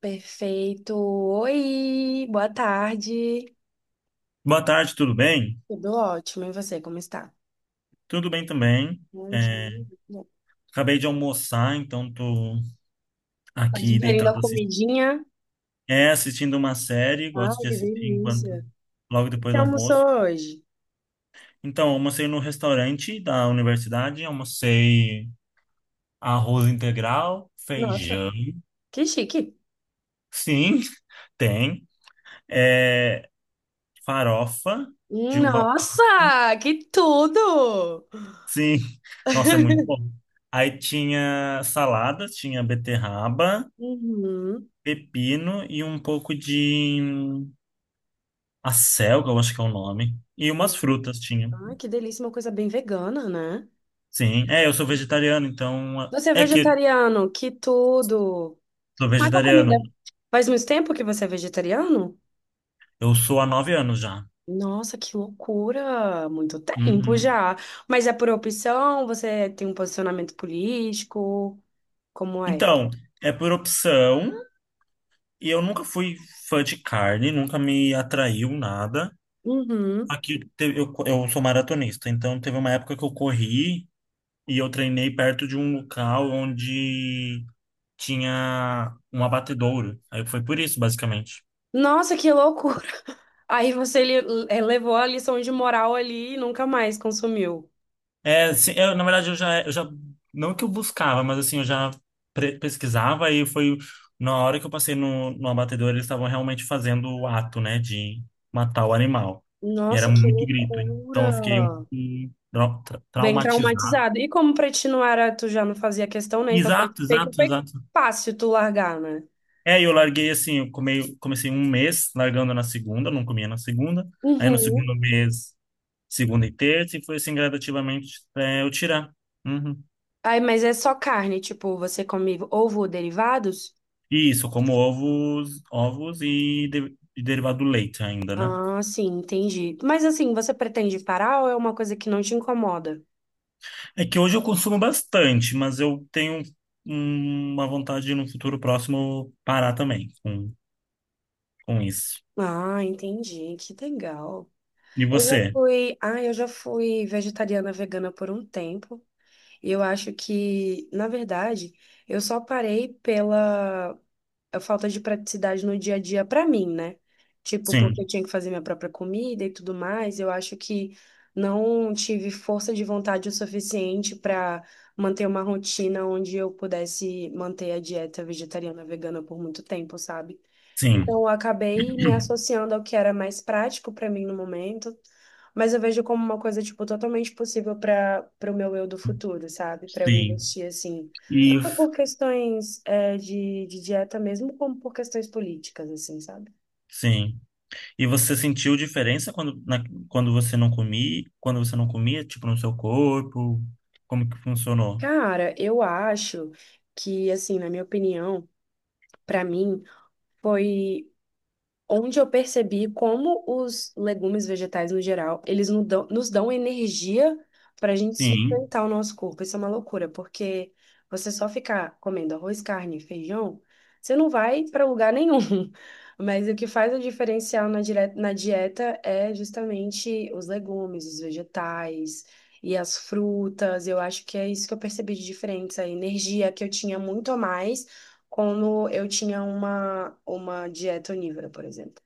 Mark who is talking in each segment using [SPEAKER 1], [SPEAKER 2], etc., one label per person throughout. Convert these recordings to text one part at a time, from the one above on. [SPEAKER 1] Perfeito. Oi, boa tarde.
[SPEAKER 2] Boa tarde, tudo bem?
[SPEAKER 1] Tudo ótimo. E você, como está?
[SPEAKER 2] Tudo bem também.
[SPEAKER 1] Ai, que
[SPEAKER 2] É,
[SPEAKER 1] maravilha.
[SPEAKER 2] acabei de almoçar, então tô
[SPEAKER 1] Tá
[SPEAKER 2] aqui
[SPEAKER 1] digerindo a
[SPEAKER 2] deitado assistindo,
[SPEAKER 1] comidinha?
[SPEAKER 2] assistindo uma série, gosto
[SPEAKER 1] Ai,
[SPEAKER 2] de
[SPEAKER 1] que
[SPEAKER 2] assistir enquanto
[SPEAKER 1] delícia.
[SPEAKER 2] logo
[SPEAKER 1] O que
[SPEAKER 2] depois
[SPEAKER 1] você
[SPEAKER 2] do almoço.
[SPEAKER 1] almoçou hoje?
[SPEAKER 2] Então, almocei no restaurante da universidade, almocei arroz integral,
[SPEAKER 1] Nossa,
[SPEAKER 2] feijão,
[SPEAKER 1] que chique.
[SPEAKER 2] sim, tem, é, farofa de uva passa.
[SPEAKER 1] Nossa, que tudo!
[SPEAKER 2] Sim, nossa, é muito bom. Aí tinha salada, tinha beterraba,
[SPEAKER 1] Uhum.
[SPEAKER 2] pepino e um pouco de acelga, eu acho que é o nome. E umas frutas tinha.
[SPEAKER 1] Ai, que delícia, uma coisa bem vegana, né?
[SPEAKER 2] Sim, eu sou vegetariano, então.
[SPEAKER 1] Você é
[SPEAKER 2] É que eu
[SPEAKER 1] vegetariano, que tudo!
[SPEAKER 2] sou
[SPEAKER 1] Mas a
[SPEAKER 2] vegetariano.
[SPEAKER 1] comida. Faz muito tempo que você é vegetariano?
[SPEAKER 2] Eu sou há 9 anos já.
[SPEAKER 1] Nossa, que loucura! Muito tempo
[SPEAKER 2] Uhum.
[SPEAKER 1] já. Mas é por opção? Você tem um posicionamento político? Como é?
[SPEAKER 2] Então, é por opção, e eu nunca fui fã de carne, nunca me atraiu nada.
[SPEAKER 1] Uhum.
[SPEAKER 2] Aqui teve- eu, co- eu sou maratonista, então teve uma época que eu corri e eu treinei perto de um local onde tinha um abatedouro. Aí foi por isso, basicamente.
[SPEAKER 1] Nossa, que loucura! Aí você levou a lição de moral ali e nunca mais consumiu.
[SPEAKER 2] É, sim, eu, na verdade, eu já, não que eu buscava, mas assim, eu já pesquisava e foi na hora que eu passei no abatedor, eles estavam realmente fazendo o ato, né, de matar o animal. E era
[SPEAKER 1] Nossa, que
[SPEAKER 2] muito grito, então eu fiquei um
[SPEAKER 1] loucura!
[SPEAKER 2] pouco
[SPEAKER 1] Bem
[SPEAKER 2] traumatizado.
[SPEAKER 1] traumatizado. E como pra ti não era, tu já não fazia questão, né? Então pra ti
[SPEAKER 2] Exato,
[SPEAKER 1] foi que
[SPEAKER 2] exato,
[SPEAKER 1] foi
[SPEAKER 2] exato.
[SPEAKER 1] fácil tu largar, né?
[SPEAKER 2] É, e eu larguei assim, eu comecei um mês largando na segunda, não comia na segunda. Aí no
[SPEAKER 1] Uhum.
[SPEAKER 2] segundo mês, segunda e terça, e foi assim gradativamente até eu tirar. Uhum.
[SPEAKER 1] Aí, mas é só carne, tipo, você come ovo ou derivados?
[SPEAKER 2] Isso, como ovos, e derivado do leite ainda, né?
[SPEAKER 1] Ah, sim, entendi. Mas assim, você pretende parar ou é uma coisa que não te incomoda?
[SPEAKER 2] É que hoje eu consumo bastante, mas eu tenho uma vontade de no futuro próximo parar também com isso.
[SPEAKER 1] Ah, entendi. Que legal.
[SPEAKER 2] E
[SPEAKER 1] Eu já
[SPEAKER 2] você?
[SPEAKER 1] fui, ah, eu já fui vegetariana vegana por um tempo. E eu acho que, na verdade, eu só parei pela a falta de praticidade no dia a dia pra mim, né? Tipo,
[SPEAKER 2] Sim,
[SPEAKER 1] porque eu tinha que fazer minha própria comida e tudo mais, eu acho que não tive força de vontade o suficiente para manter uma rotina onde eu pudesse manter a dieta vegetariana vegana por muito tempo, sabe? Então,
[SPEAKER 2] sim,
[SPEAKER 1] eu acabei me associando ao que era mais prático para mim no momento, mas eu vejo como uma coisa, tipo, totalmente possível para o meu eu do futuro, sabe? Para eu
[SPEAKER 2] sim.
[SPEAKER 1] investir, assim,
[SPEAKER 2] E
[SPEAKER 1] tanto por questões é, de dieta mesmo, como por questões políticas, assim, sabe?
[SPEAKER 2] sim. E você sentiu diferença quando você não comia, tipo, no seu corpo? Como que funcionou?
[SPEAKER 1] Cara, eu acho que, assim, na minha opinião, para mim, foi. Onde eu percebi como os legumes vegetais no geral, eles nos dão energia para a gente
[SPEAKER 2] Sim,
[SPEAKER 1] sustentar o nosso corpo. Isso é uma loucura, porque você só ficar comendo arroz, carne, e feijão, você não vai para lugar nenhum. Mas o que faz o diferencial na dieta é justamente os legumes, os vegetais e as frutas. Eu acho que é isso que eu percebi de diferença, a energia que eu tinha muito a mais como eu tinha uma dieta onívora, por exemplo,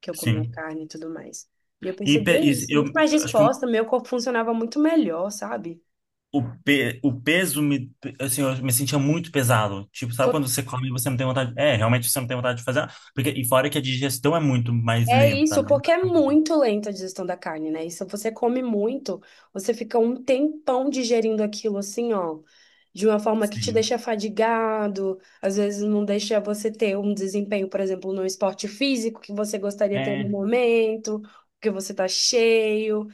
[SPEAKER 1] que eu comia
[SPEAKER 2] sim.
[SPEAKER 1] carne e tudo mais. E eu
[SPEAKER 2] E
[SPEAKER 1] percebia isso,
[SPEAKER 2] eu
[SPEAKER 1] muito mais
[SPEAKER 2] acho que
[SPEAKER 1] disposta, meu corpo funcionava muito melhor, sabe?
[SPEAKER 2] o peso me, assim, eu me sentia muito pesado. Tipo, sabe
[SPEAKER 1] Tô-
[SPEAKER 2] quando você come e você não tem vontade? É, realmente você não tem vontade de fazer nada. Porque, e fora que a digestão é muito mais
[SPEAKER 1] É
[SPEAKER 2] lenta,
[SPEAKER 1] isso,
[SPEAKER 2] né?
[SPEAKER 1] porque é
[SPEAKER 2] Da comida.
[SPEAKER 1] muito lenta a digestão da carne, né? E se você come muito, você fica um tempão digerindo aquilo assim, ó, de uma forma que te
[SPEAKER 2] Sim.
[SPEAKER 1] deixa fadigado, às vezes não deixa você ter um desempenho, por exemplo, no esporte físico que você gostaria de ter no
[SPEAKER 2] É,
[SPEAKER 1] momento, porque você tá cheio.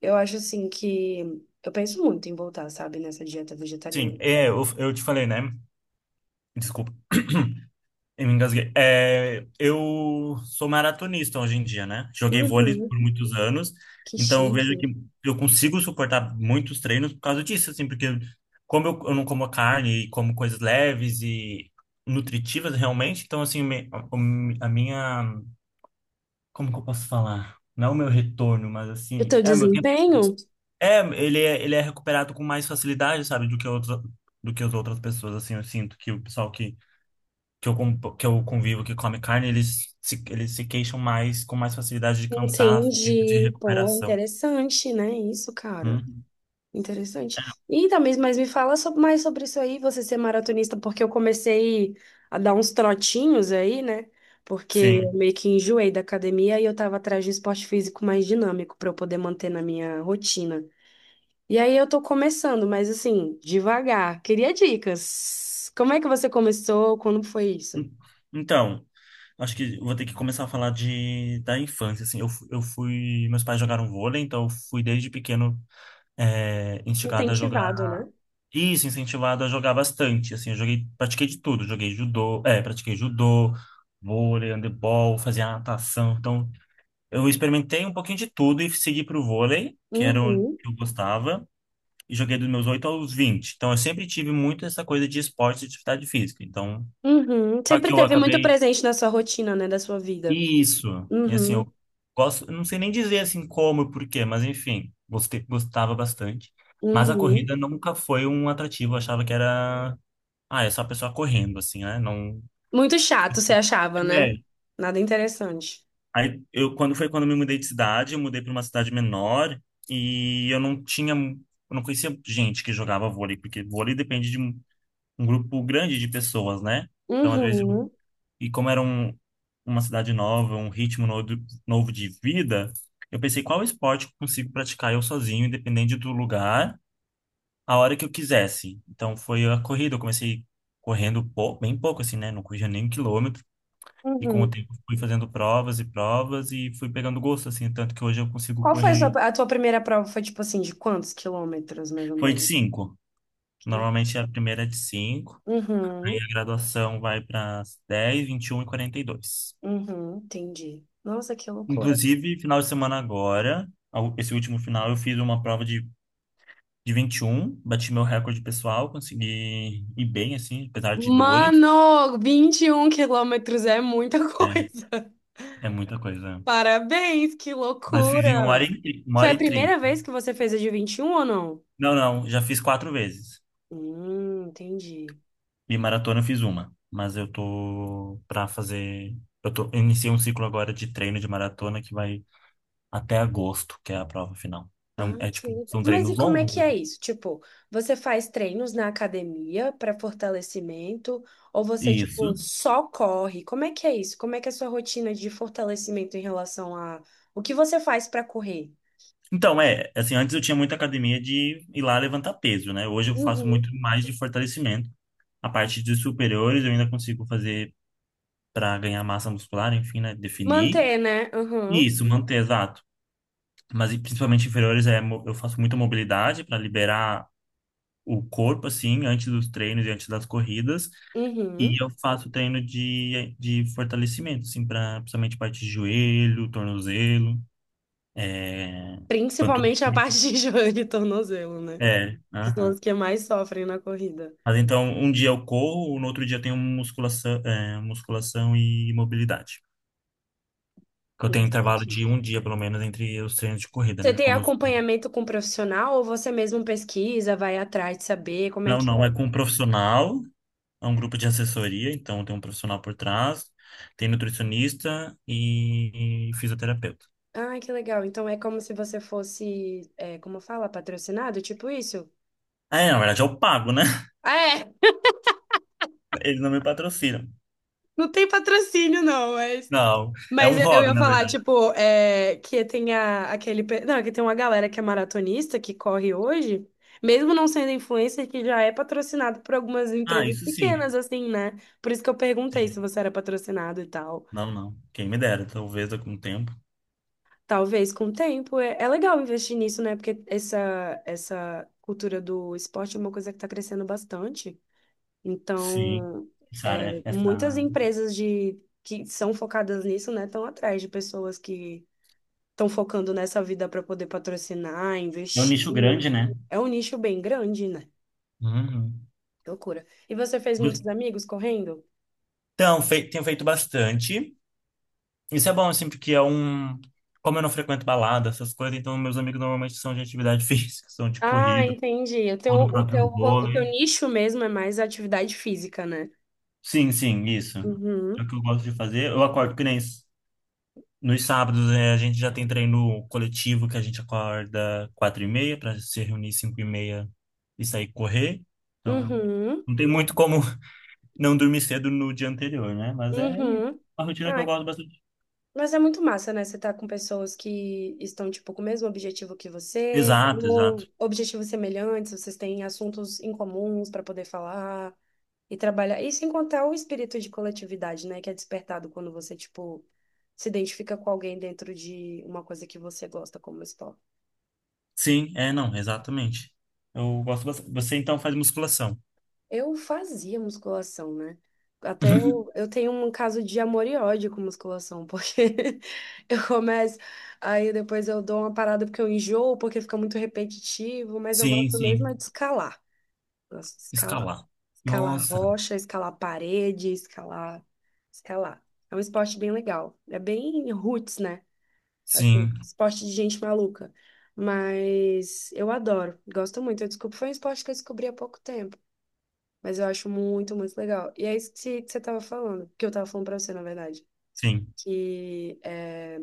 [SPEAKER 1] Eu acho assim que eu penso muito em voltar, sabe, nessa dieta vegetariana.
[SPEAKER 2] sim. É, eu te falei, né? Desculpa. Eu me engasguei. É, eu sou maratonista hoje em dia, né? Joguei vôlei
[SPEAKER 1] Uhum,
[SPEAKER 2] por muitos anos,
[SPEAKER 1] que
[SPEAKER 2] então eu vejo que
[SPEAKER 1] chique.
[SPEAKER 2] eu consigo suportar muitos treinos por causa disso, assim, porque como eu não como carne e como coisas leves e nutritivas realmente, então assim, a minha, como que eu posso falar? Não é o meu retorno, mas
[SPEAKER 1] E o
[SPEAKER 2] assim,
[SPEAKER 1] teu
[SPEAKER 2] é meu tempo.
[SPEAKER 1] desempenho?
[SPEAKER 2] É, ele é recuperado com mais facilidade, sabe, do que outras, do que as outras pessoas, assim, eu sinto que o pessoal que eu convivo que come carne, eles se queixam mais, com mais facilidade de cansaço, tempo de
[SPEAKER 1] Entendi. Pô,
[SPEAKER 2] recuperação.
[SPEAKER 1] interessante, né? Isso, cara.
[SPEAKER 2] Hum,
[SPEAKER 1] Interessante. E também, mas me fala mais sobre isso aí, você ser maratonista, porque eu comecei a dar uns trotinhos aí, né? Porque eu
[SPEAKER 2] sim.
[SPEAKER 1] meio que enjoei da academia e eu tava atrás de um esporte físico mais dinâmico para eu poder manter na minha rotina. E aí eu tô começando, mas assim, devagar. Queria dicas. Como é que você começou? Quando foi isso?
[SPEAKER 2] Hum, Então, acho que vou ter que começar a falar da infância, assim. Eu fui... Meus pais jogaram vôlei, então eu fui desde pequeno instigado a jogar...
[SPEAKER 1] Incentivado, né?
[SPEAKER 2] Isso, incentivado a jogar bastante, assim. Eu joguei... Pratiquei de tudo. Joguei judô... É, pratiquei judô, vôlei, handebol, fazia natação. Então, eu experimentei um pouquinho de tudo e segui pro vôlei, que era o
[SPEAKER 1] Uhum.
[SPEAKER 2] que eu gostava, e joguei dos meus 8 aos 20. Então eu sempre tive muito essa coisa de esporte e de atividade física. Então,
[SPEAKER 1] Uhum.
[SPEAKER 2] só que
[SPEAKER 1] Sempre
[SPEAKER 2] eu
[SPEAKER 1] teve muito
[SPEAKER 2] acabei
[SPEAKER 1] presente na sua rotina, né, da sua vida.
[SPEAKER 2] isso. E assim,
[SPEAKER 1] Uhum.
[SPEAKER 2] eu gosto, eu não sei nem dizer assim como e por quê, mas enfim, gostei, gostava bastante. Mas a
[SPEAKER 1] Uhum.
[SPEAKER 2] corrida nunca foi um atrativo, eu achava que era, é só a pessoa correndo assim, né? Não
[SPEAKER 1] Muito chato, você achava, né?
[SPEAKER 2] é.
[SPEAKER 1] Nada interessante.
[SPEAKER 2] Aí eu quando foi quando eu me mudei de cidade, eu mudei para uma cidade menor e eu não tinha, eu não conhecia gente que jogava vôlei, porque vôlei depende de um grupo grande de pessoas, né? Então às vezes eu,
[SPEAKER 1] Uhum.
[SPEAKER 2] e como era um, uma cidade nova, um ritmo novo de vida, eu pensei qual esporte eu consigo praticar eu sozinho, independente do lugar, a hora que eu quisesse. Então foi a corrida, eu comecei correndo bem pouco assim, né? Não corria nem 1 quilômetro. E com o
[SPEAKER 1] Uhum.
[SPEAKER 2] tempo fui fazendo provas e provas e fui pegando gosto, assim, tanto que hoje eu consigo
[SPEAKER 1] Qual foi a sua,
[SPEAKER 2] correr.
[SPEAKER 1] a tua primeira prova? Foi tipo assim, de quantos quilômetros, mais ou
[SPEAKER 2] Foi de
[SPEAKER 1] menos?
[SPEAKER 2] cinco. Normalmente a primeira é de 5
[SPEAKER 1] Uhum.
[SPEAKER 2] e a graduação vai para 10, 21 e 42.
[SPEAKER 1] Uhum. Entendi. Nossa, que loucura.
[SPEAKER 2] Inclusive, final de semana agora, esse último final, eu fiz uma prova de 21, bati meu recorde pessoal, consegui ir bem, assim, apesar de dores.
[SPEAKER 1] Mano, 21 quilômetros é muita
[SPEAKER 2] É,
[SPEAKER 1] coisa.
[SPEAKER 2] é muita coisa.
[SPEAKER 1] Parabéns, que
[SPEAKER 2] Mas fiz em 1 hora
[SPEAKER 1] loucura!
[SPEAKER 2] e, uma
[SPEAKER 1] Foi
[SPEAKER 2] hora
[SPEAKER 1] a
[SPEAKER 2] e trinta
[SPEAKER 1] primeira vez que você fez a de 21 ou não?
[SPEAKER 2] Não, não, já fiz quatro vezes.
[SPEAKER 1] Entendi.
[SPEAKER 2] E maratona eu fiz uma, mas eu tô pra fazer. Eu tô, eu iniciei um ciclo agora de treino de maratona que vai até agosto, que é a prova final. É,
[SPEAKER 1] Ah,
[SPEAKER 2] é
[SPEAKER 1] que
[SPEAKER 2] tipo,
[SPEAKER 1] legal.
[SPEAKER 2] são
[SPEAKER 1] Mas e
[SPEAKER 2] treinos
[SPEAKER 1] como é
[SPEAKER 2] longos,
[SPEAKER 1] que
[SPEAKER 2] né?
[SPEAKER 1] é isso? Tipo, você faz treinos na academia para fortalecimento ou você, tipo,
[SPEAKER 2] Isso.
[SPEAKER 1] só corre? Como é que é isso? Como é que é a sua rotina de fortalecimento em relação a o que você faz para correr?
[SPEAKER 2] Então, assim, antes eu tinha muita academia de ir lá levantar peso, né? Hoje eu faço
[SPEAKER 1] Uhum.
[SPEAKER 2] muito mais de fortalecimento. A parte de superiores eu ainda consigo fazer pra ganhar massa muscular, enfim, né? Definir.
[SPEAKER 1] Manter, né? Uhum.
[SPEAKER 2] Isso, manter, exato. Mas e principalmente inferiores eu faço muita mobilidade para liberar o corpo, assim, antes dos treinos e antes das corridas.
[SPEAKER 1] Uhum.
[SPEAKER 2] E eu faço treino de fortalecimento, assim, pra, principalmente parte de joelho, tornozelo, é,
[SPEAKER 1] Principalmente a
[SPEAKER 2] panturrilha.
[SPEAKER 1] parte de joelho e tornozelo, né?
[SPEAKER 2] É,
[SPEAKER 1] Que são
[SPEAKER 2] aham.
[SPEAKER 1] as que mais sofrem na corrida.
[SPEAKER 2] Mas então, um dia eu corro, no outro dia eu tenho musculação, musculação e mobilidade. Que eu tenho
[SPEAKER 1] Nossa, que
[SPEAKER 2] intervalo de
[SPEAKER 1] chique.
[SPEAKER 2] um dia, pelo menos, entre os treinos de corrida,
[SPEAKER 1] Você
[SPEAKER 2] né?
[SPEAKER 1] tem
[SPEAKER 2] Como eu-
[SPEAKER 1] acompanhamento com profissional ou você mesmo pesquisa, vai atrás de saber como é
[SPEAKER 2] Não,
[SPEAKER 1] que
[SPEAKER 2] não, é
[SPEAKER 1] é?
[SPEAKER 2] com um profissional, é um grupo de assessoria, então tem um profissional por trás, tem nutricionista e fisioterapeuta.
[SPEAKER 1] Ah, que legal. Então é como se você fosse, é, como fala, patrocinado, tipo isso?
[SPEAKER 2] Ah, é, na verdade, eu pago, né?
[SPEAKER 1] Ah, é,
[SPEAKER 2] Eles não me patrocinam.
[SPEAKER 1] não tem patrocínio, não. É
[SPEAKER 2] Não, é
[SPEAKER 1] Mas
[SPEAKER 2] um
[SPEAKER 1] eu
[SPEAKER 2] hobby,
[SPEAKER 1] ia
[SPEAKER 2] na
[SPEAKER 1] falar,
[SPEAKER 2] verdade.
[SPEAKER 1] tipo, é, que tem não, que tem uma galera que é maratonista, que corre hoje, mesmo não sendo influencer, que já é patrocinado por algumas
[SPEAKER 2] Ah,
[SPEAKER 1] empresas
[SPEAKER 2] isso sim.
[SPEAKER 1] pequenas, assim, né? Por isso que eu perguntei
[SPEAKER 2] Sim.
[SPEAKER 1] se você era patrocinado e tal.
[SPEAKER 2] Não, não. Quem me dera, talvez com o tempo.
[SPEAKER 1] Talvez com o tempo. É, é legal investir nisso, né? Porque essa cultura do esporte é uma coisa que tá crescendo bastante.
[SPEAKER 2] Sim.
[SPEAKER 1] Então,
[SPEAKER 2] Sara,
[SPEAKER 1] é, muitas empresas de, que são focadas nisso, né, estão atrás de pessoas que estão focando nessa vida para poder patrocinar,
[SPEAKER 2] é um nicho
[SPEAKER 1] investir.
[SPEAKER 2] grande, né?
[SPEAKER 1] É um nicho bem grande, né?
[SPEAKER 2] Uhum.
[SPEAKER 1] Que loucura. E você fez muitos amigos correndo?
[SPEAKER 2] Então, tenho feito bastante. Isso é bom, assim, porque é um. Como eu não frequento balada, essas coisas, então meus amigos normalmente são de atividade física, são de
[SPEAKER 1] Ah,
[SPEAKER 2] corrida,
[SPEAKER 1] entendi. O teu,
[SPEAKER 2] ou do
[SPEAKER 1] o teu,
[SPEAKER 2] próprio
[SPEAKER 1] o teu
[SPEAKER 2] vôlei.
[SPEAKER 1] nicho mesmo é mais atividade física, né?
[SPEAKER 2] Sim, sim, isso.
[SPEAKER 1] Uhum,
[SPEAKER 2] É o que eu gosto de fazer. Eu acordo que nem Nos sábados, a gente já tem treino coletivo que a gente acorda 4h30 para se reunir 5h30 e sair correr. Então,
[SPEAKER 1] uhum,
[SPEAKER 2] não tem muito como não dormir cedo no dia anterior, né? Mas é
[SPEAKER 1] uhum.
[SPEAKER 2] uma rotina que eu
[SPEAKER 1] Ai,
[SPEAKER 2] gosto bastante.
[SPEAKER 1] mas é muito massa, né? Você tá com pessoas que estão, tipo, com o mesmo objetivo que você,
[SPEAKER 2] Exato, exato.
[SPEAKER 1] ou objetivos semelhantes, vocês têm assuntos em comuns para poder falar. E trabalhar. E sem contar o espírito de coletividade, né? Que é despertado quando você, tipo, se identifica com alguém dentro de uma coisa que você gosta como esporte.
[SPEAKER 2] Sim, não, exatamente. Eu gosto bastante. Você então faz musculação.
[SPEAKER 1] Eu fazia musculação, né? Até eu, eu tenho um caso de amor e ódio com musculação, porque eu começo, aí depois eu dou uma parada porque eu enjoo, porque fica muito repetitivo, mas eu
[SPEAKER 2] Sim,
[SPEAKER 1] gosto mesmo é
[SPEAKER 2] sim.
[SPEAKER 1] de escalar. Gosto de escalar.
[SPEAKER 2] Escalar.
[SPEAKER 1] Escalar
[SPEAKER 2] Nossa.
[SPEAKER 1] rocha, escalar parede, escalar, escalar. É um esporte bem legal. É bem roots, né? Assim,
[SPEAKER 2] Sim,
[SPEAKER 1] esporte de gente maluca. Mas eu adoro, gosto muito. Eu desculpa, foi um esporte que eu descobri há pouco tempo. Mas eu acho muito, muito legal. E é isso que você estava falando, que eu estava falando pra você, na verdade.
[SPEAKER 2] sim.
[SPEAKER 1] Que é,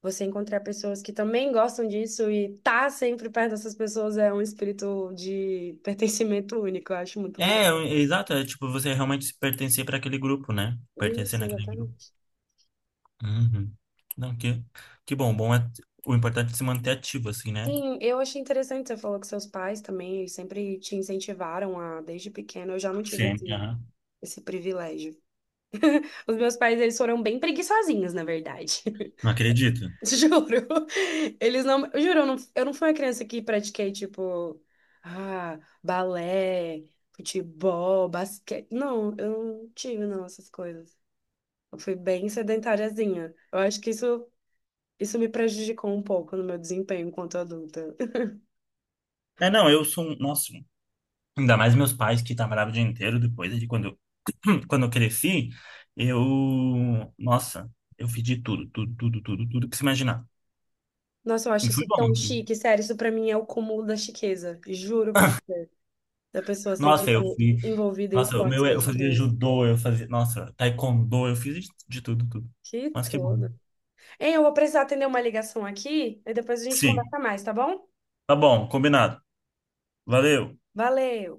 [SPEAKER 1] você encontrar pessoas que também gostam disso e tá sempre perto dessas pessoas é um espírito de pertencimento único. Eu acho muito legal.
[SPEAKER 2] É exato. É tipo você realmente pertencer para aquele grupo, né? Pertencer
[SPEAKER 1] Isso,
[SPEAKER 2] naquele grupo.
[SPEAKER 1] exatamente.
[SPEAKER 2] Uhum. Não, que bom. Bom é o importante é se manter ativo, assim, né?
[SPEAKER 1] Sim, eu achei interessante, você falou que seus pais também, eles sempre te incentivaram a, desde pequeno, eu já não tive
[SPEAKER 2] Sim,
[SPEAKER 1] esse,
[SPEAKER 2] aham.
[SPEAKER 1] esse privilégio. Os meus pais, eles foram bem preguiçosinhos, na verdade.
[SPEAKER 2] Não acredito.
[SPEAKER 1] Juro. Eles não, eu juro, eu não fui uma criança que pratiquei, tipo, ah, balé, futebol, basquete. Não, eu não tive, não, essas coisas. Eu fui bem sedentariazinha. Eu acho que isso me prejudicou um pouco no meu desempenho enquanto adulta.
[SPEAKER 2] É, não, eu sou, nossa, ainda mais meus pais que trabalhavam o dia inteiro depois de quando eu, quando eu cresci, eu, nossa, eu fiz de tudo, tudo, tudo, tudo, tudo que se imaginar.
[SPEAKER 1] Nossa, eu
[SPEAKER 2] E
[SPEAKER 1] acho
[SPEAKER 2] fui
[SPEAKER 1] isso
[SPEAKER 2] bom,
[SPEAKER 1] tão
[SPEAKER 2] assim.
[SPEAKER 1] chique, sério, isso pra mim é o cúmulo da chiqueza. Juro pra você, da pessoa ser,
[SPEAKER 2] Nossa, eu
[SPEAKER 1] tipo,
[SPEAKER 2] fui,
[SPEAKER 1] envolvida em
[SPEAKER 2] nossa, o
[SPEAKER 1] esportes
[SPEAKER 2] meu, eu
[SPEAKER 1] desde
[SPEAKER 2] fazia
[SPEAKER 1] criança.
[SPEAKER 2] judô, eu fazia, nossa, taekwondo, eu fiz de tudo, tudo.
[SPEAKER 1] Que
[SPEAKER 2] Mas que bom.
[SPEAKER 1] tudo. Hein, eu vou precisar atender uma ligação aqui e depois a gente
[SPEAKER 2] Sim,
[SPEAKER 1] conversa mais, tá bom?
[SPEAKER 2] tá bom, combinado. Valeu.
[SPEAKER 1] Valeu!